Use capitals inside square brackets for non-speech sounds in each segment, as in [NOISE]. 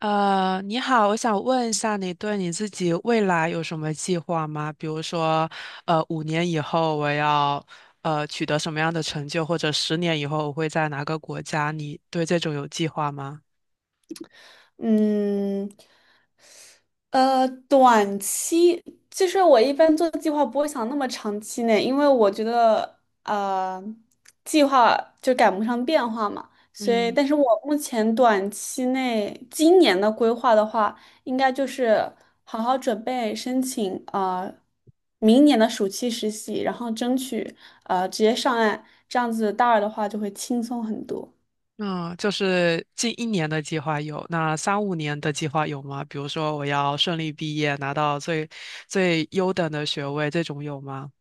你好，我想问一下，你对你自己未来有什么计划吗？比如说，五年以后我要取得什么样的成就，或者十年以后我会在哪个国家？你对这种有计划吗？嗯，短期其实我一般做计划不会想那么长期内，因为我觉得计划就赶不上变化嘛，所以，嗯，但是我目前短期内今年的规划的话，应该就是好好准备申请明年的暑期实习，然后争取直接上岸，这样子大二的话就会轻松很多。那就是近一年的计划有，那三五年的计划有吗？比如说我要顺利毕业，拿到最优等的学位，这种有吗？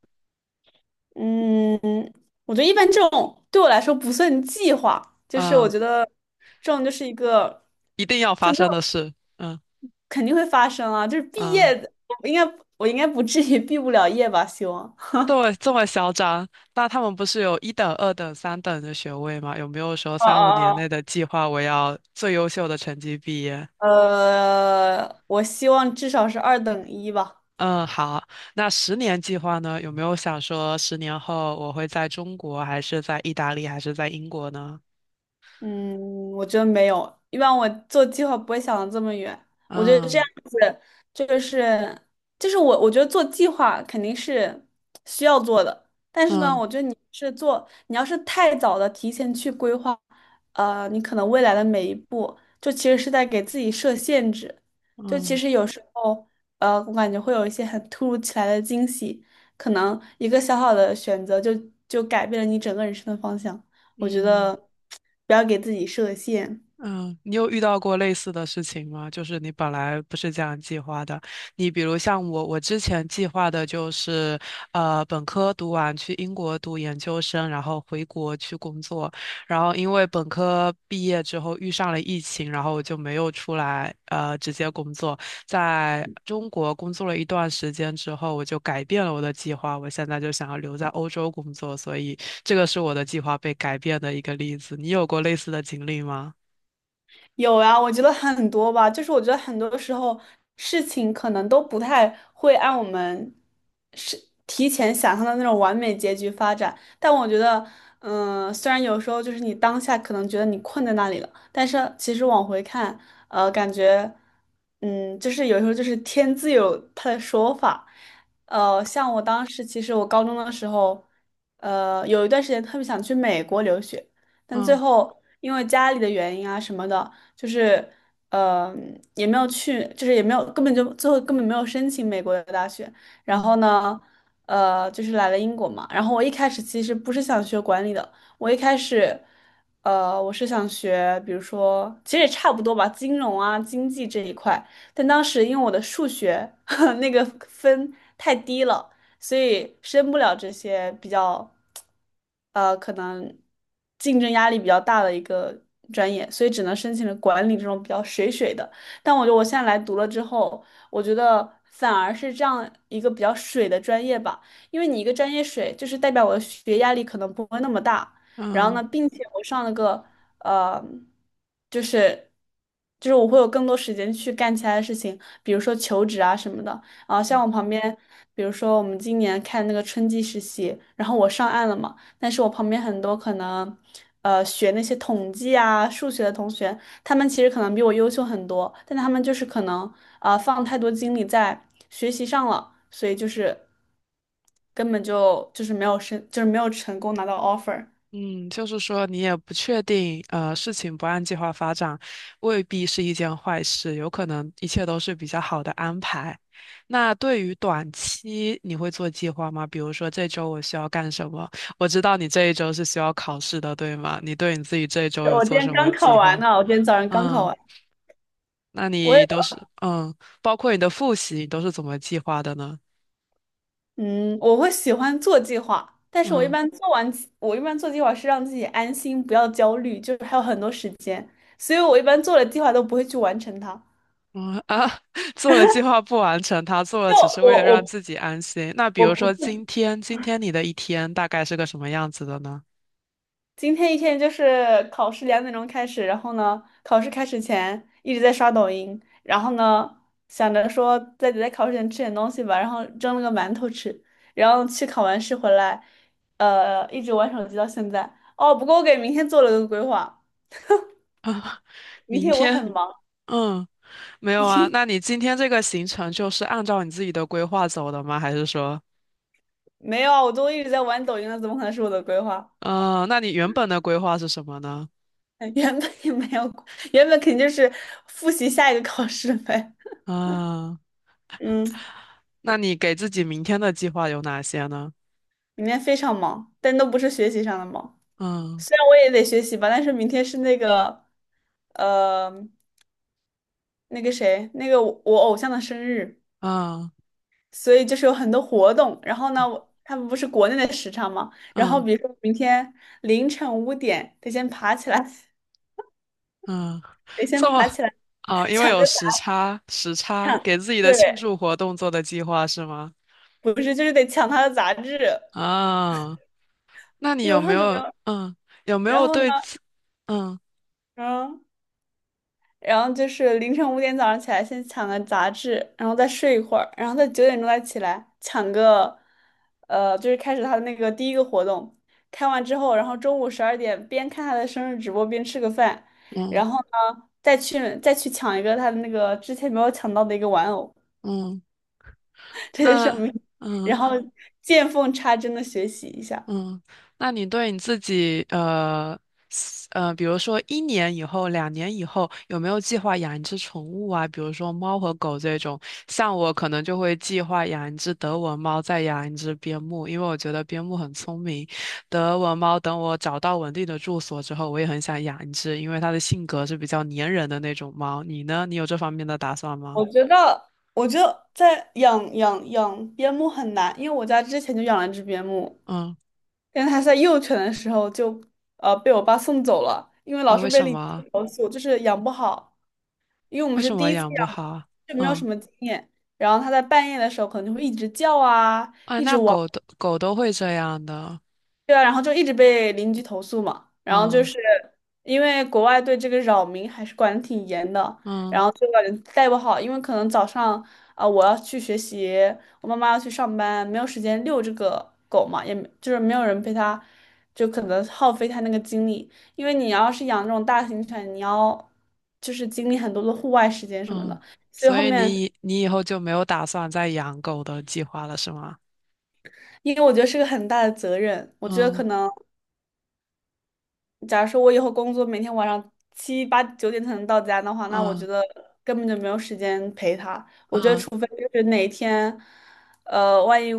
嗯，我觉得一般这种对我来说不算计划，就是我嗯，觉得这种就是一个一定要就发没生有的事。嗯肯定会发生啊，就是毕嗯。业的，我应该不至于毕不了业吧？希望。对，这么嚣张？那他们不是有一等、二等、三等的学位吗？有没有说啊。三五年哦。内的计划，我要最优秀的成绩毕业？哦，我希望至少是二等一吧。嗯，好。那十年计划呢？有没有想说10年后我会在中国，还是在意大利，还是在英国呢？嗯，我觉得没有，一般我做计划不会想的这么远。我觉得这嗯样子就是我觉得做计划肯定是需要做的，但是呢，嗯我觉得你要是太早的提前去规划，你可能未来的每一步就其实是在给自己设限制。就其嗯实有时候，我感觉会有一些很突如其来的惊喜，可能一个小小的选择就改变了你整个人生的方向。我觉嗯。得。不要给自己设限。嗯，你有遇到过类似的事情吗？就是你本来不是这样计划的，你比如像我，我之前计划的就是，本科读完去英国读研究生，然后回国去工作，然后因为本科毕业之后遇上了疫情，然后我就没有出来，直接工作，在中国工作了一段时间之后，我就改变了我的计划，我现在就想要留在欧洲工作，所以这个是我的计划被改变的一个例子。你有过类似的经历吗？有啊，我觉得很多吧，就是我觉得很多时候事情可能都不太会按我们是提前想象的那种完美结局发展，但我觉得，虽然有时候就是你当下可能觉得你困在那里了，但是其实往回看，感觉，就是有时候就是天自有它的说法，像我当时其实我高中的时候，有一段时间特别想去美国留学。但最嗯后因为家里的原因啊什么的，就是也没有去，就是也没有根本就最后根本没有申请美国的大学，然后嗯呢，就是来了英国嘛，然后我一开始其实不是想学管理的，我一开始。我是想学，比如说，其实也差不多吧，金融啊、经济这一块。但当时因为我的数学 [LAUGHS] 那个分太低了，所以申不了这些比较，可能竞争压力比较大的一个专业，所以只能申请了管理这种比较水水的。但我觉得我现在来读了之后，我觉得反而是这样一个比较水的专业吧，因为你一个专业水，就是代表我的学业压力可能不会那么大。然后嗯呢，并且我上了个呃，就是我会有更多时间去干其他的事情，比如说求职啊什么的。啊，像我旁边，比如说我们今年看那个春季实习，然后我上岸了嘛，但是我旁边很多可能，学那些统计啊、数学的同学，他们其实可能比我优秀很多，但他们就是可能啊、放太多精力在学习上了，所以就是根本就是没有申，就是没有成功拿到 offer。嗯，就是说你也不确定，事情不按计划发展，未必是一件坏事，有可能一切都是比较好的安排。那对于短期，你会做计划吗？比如说这周我需要干什么？我知道你这一周是需要考试的，对吗？你对你自己这一周有我今做天什么刚考计完划？呢，我今天早上刚考嗯，完。那我也。你都是嗯，包括你的复习，你都是怎么计划的呢？嗯，我会喜欢做计划，但是我一嗯。般做完计我一般做计划是让自己安心，不要焦虑，就是还有很多时间，所以我一般做了计划都不会去完成它。嗯啊，[LAUGHS] 做了计划不完成，他做了就只是为了我让我自己安心。那比我如不说今天，今天你的一天大概是个什么样子的呢？今天一天就是考试2点钟开始，然后呢，考试开始前一直在刷抖音，然后呢想着说在考试前吃点东西吧，然后蒸了个馒头吃，然后去考完试回来，一直玩手机到现在。哦，不过我给明天做了个规划，[LAUGHS] 啊，明明天我天，很忙。嗯，没有啊。那你今天这个行程就是按照你自己的规划走的吗？还是说，没有啊，我都一直在玩抖音了，怎么可能是我的规划？嗯，那你原本的规划是什么呢？[LAUGHS] 原本也没有原本肯定就是复习下一个考试呗。嗯，[LAUGHS] 嗯，那你给自己明天的计划有哪些呢？明天非常忙，但都不是学习上的忙。嗯虽然我也得学习吧，但是明天是那个，呃，那个谁，那个我偶像的生日，嗯所以就是有很多活动。然后呢，我他们不是国内的时差嘛，然后嗯。比如说明天凌晨五点得先爬起来，嗯，得先这么爬起来啊，因为抢有着时打差，时差卡。给自己的对，庆祝活动做的计划是吗？不是，就是得抢他的杂志。啊，那你一有晚没上就没有有。嗯有没然有后呢？对自嗯嗯，然后就是凌晨五点早上起来，先抢个杂志，然后再睡一会儿，然后再9点钟再起来抢个，就是开始他的那个第一个活动。开完之后，然后中午12点边看他的生日直播边吃个饭，然嗯后呢，再去抢一个他的那个之前没有抢到的一个玩偶，嗯 [LAUGHS] 这就是我那们嗯然后见缝插针的学习一下。嗯，那你对你自己，比如说一年以后、2年以后，有没有计划养一只宠物啊？比如说猫和狗这种，像我可能就会计划养一只德文猫，再养一只边牧，因为我觉得边牧很聪明。德文猫等我找到稳定的住所之后，我也很想养一只，因为它的性格是比较粘人的那种猫。你呢？你有这方面的打算吗？我觉得，我觉得在养边牧很难，因为我家之前就养了一只边牧，嗯，但是它在幼犬的时候就被我爸送走了，因为老哦，是为被什邻么？居投诉，就是养不好，因为我们为是什第么一次养不养，好？就没有什嗯，么经验。然后它在半夜的时候可能就会一直叫啊，啊，一直那汪。狗都会这样的。对啊，然后就一直被邻居投诉嘛，然后就嗯是因为国外对这个扰民还是管得挺严的，嗯然后就感觉带不好，因为可能早上啊、我要去学习，我妈妈要去上班，没有时间遛这个狗嘛，也没就是没有人陪它，就可能耗费它那个精力，因为你要是养那种大型犬，你要就是经历很多的户外时间什么嗯，的，所以所后以面你以后就没有打算再养狗的计划了，是吗？因为我觉得是个很大的责任，我觉得可嗯能。假如说我以后工作每天晚上七八九点才能到家的话，那我觉嗯得根本就没有时间陪他。我觉得嗯除非就是哪一天，万一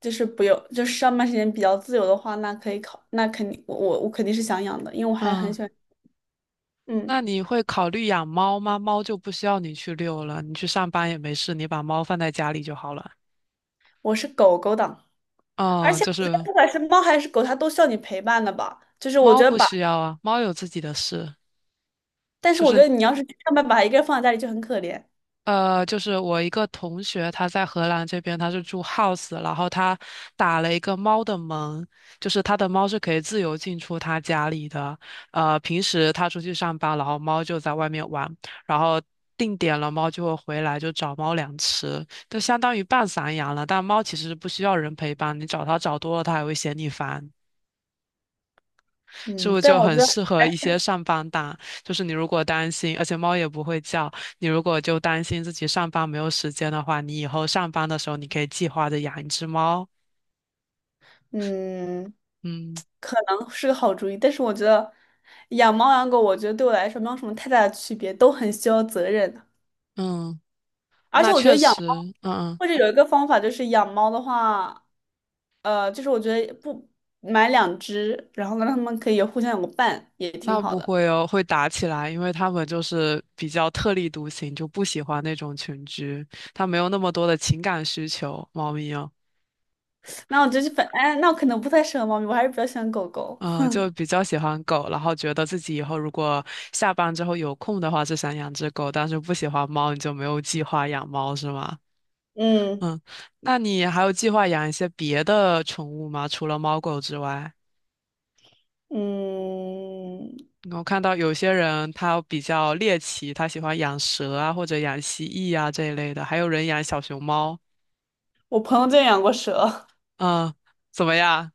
就是不用，就是上班时间比较自由的话，那可以考，那肯定我肯定是想养的，因为我还很嗯，喜欢，嗯，那你会考虑养猫吗？猫就不需要你去遛了，你去上班也没事，你把猫放在家里就好了。我是狗狗党，而嗯，且就我觉得是不管是猫还是狗，它都需要你陪伴的吧。就是我觉猫得不把，需要啊，猫有自己的事，但是就我觉是得你要是上班把它一个人放在家里就很可怜，就是我一个同学，他在荷兰这边，他是住 house，然后他打了一个猫的门，就是他的猫是可以自由进出他家里的。平时他出去上班，然后猫就在外面玩，然后定点了，猫就会回来就找猫粮吃，就相当于半散养了。但猫其实不需要人陪伴，你找它找多了，它还会嫌你烦。是不嗯，是但就我很觉得。适合一些上班党？就是你如果担心，而且猫也不会叫，你如果就担心自己上班没有时间的话，你以后上班的时候你可以计划着养一只猫。嗯，嗯可能是个好主意，但是我觉得养猫养狗，我觉得对我来说没有什么太大的区别，都很需要责任的。嗯，而且那我觉确得养猫，实，嗯嗯，或者有一个方法就是养猫的话，就是我觉得不买两只，然后呢让它们可以互相有个伴，也挺那好不的。会哦，会打起来，因为它们就是比较特立独行，就不喜欢那种群居，它没有那么多的情感需求，猫咪哦。那我觉得就反，哎，那我可能不太适合猫咪，我还是比较喜欢狗狗。嗯，就比较喜欢狗，然后觉得自己以后如果下班之后有空的话，就想养只狗，但是不喜欢猫，你就没有计划养猫是吗？嗯嗯，那你还有计划养一些别的宠物吗？除了猫狗之外，嗯，我看到有些人他比较猎奇，他喜欢养蛇啊，或者养蜥蜴啊这一类的，还有人养小熊猫。我朋友就养过蛇。嗯，怎么样？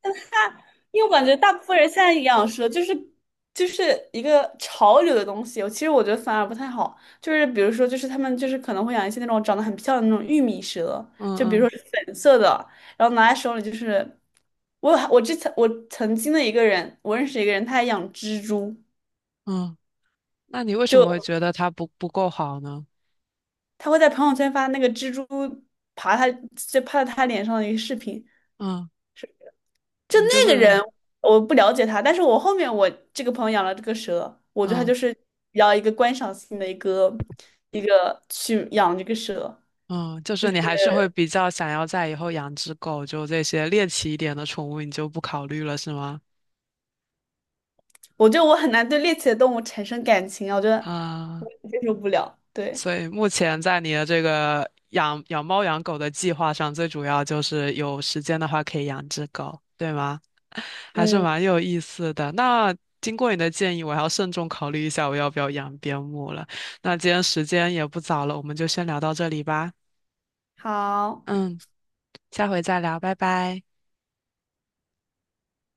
但因为我感觉大部分人现在养蛇就是一个潮流的东西，其实我觉得反而不太好。就是比如说，就是他们就是可能会养一些那种长得很漂亮的那种玉米蛇，嗯就比嗯如说是粉色的，然后拿在手里就是。我之前我曾经的一个人，我认识一个人，他还养蜘蛛，嗯，那你为什么会就觉得它不够好呢？他会在朋友圈发那个蜘蛛爬他就趴在他脸上的一个视频。嗯，就你就那个是人，我不了解他，但是我后面我这个朋友养了这个蛇，我觉得他嗯。就是比较一个观赏性的一个去养这个蛇。嗯，就是你还是会比较想要在以后养只狗，就这些猎奇一点的宠物，你就不考虑了，是吗？我觉得我很难对猎奇的动物产生感情啊，我觉得啊，我接受不了。对，所以目前在你的这个养猫养狗的计划上，最主要就是有时间的话可以养只狗，对吗？[LAUGHS] 还是嗯，蛮有意思的。那经过你的建议，我要慎重考虑一下我要不要养边牧了。那今天时间也不早了，我们就先聊到这里吧。好。嗯，下回再聊，拜拜。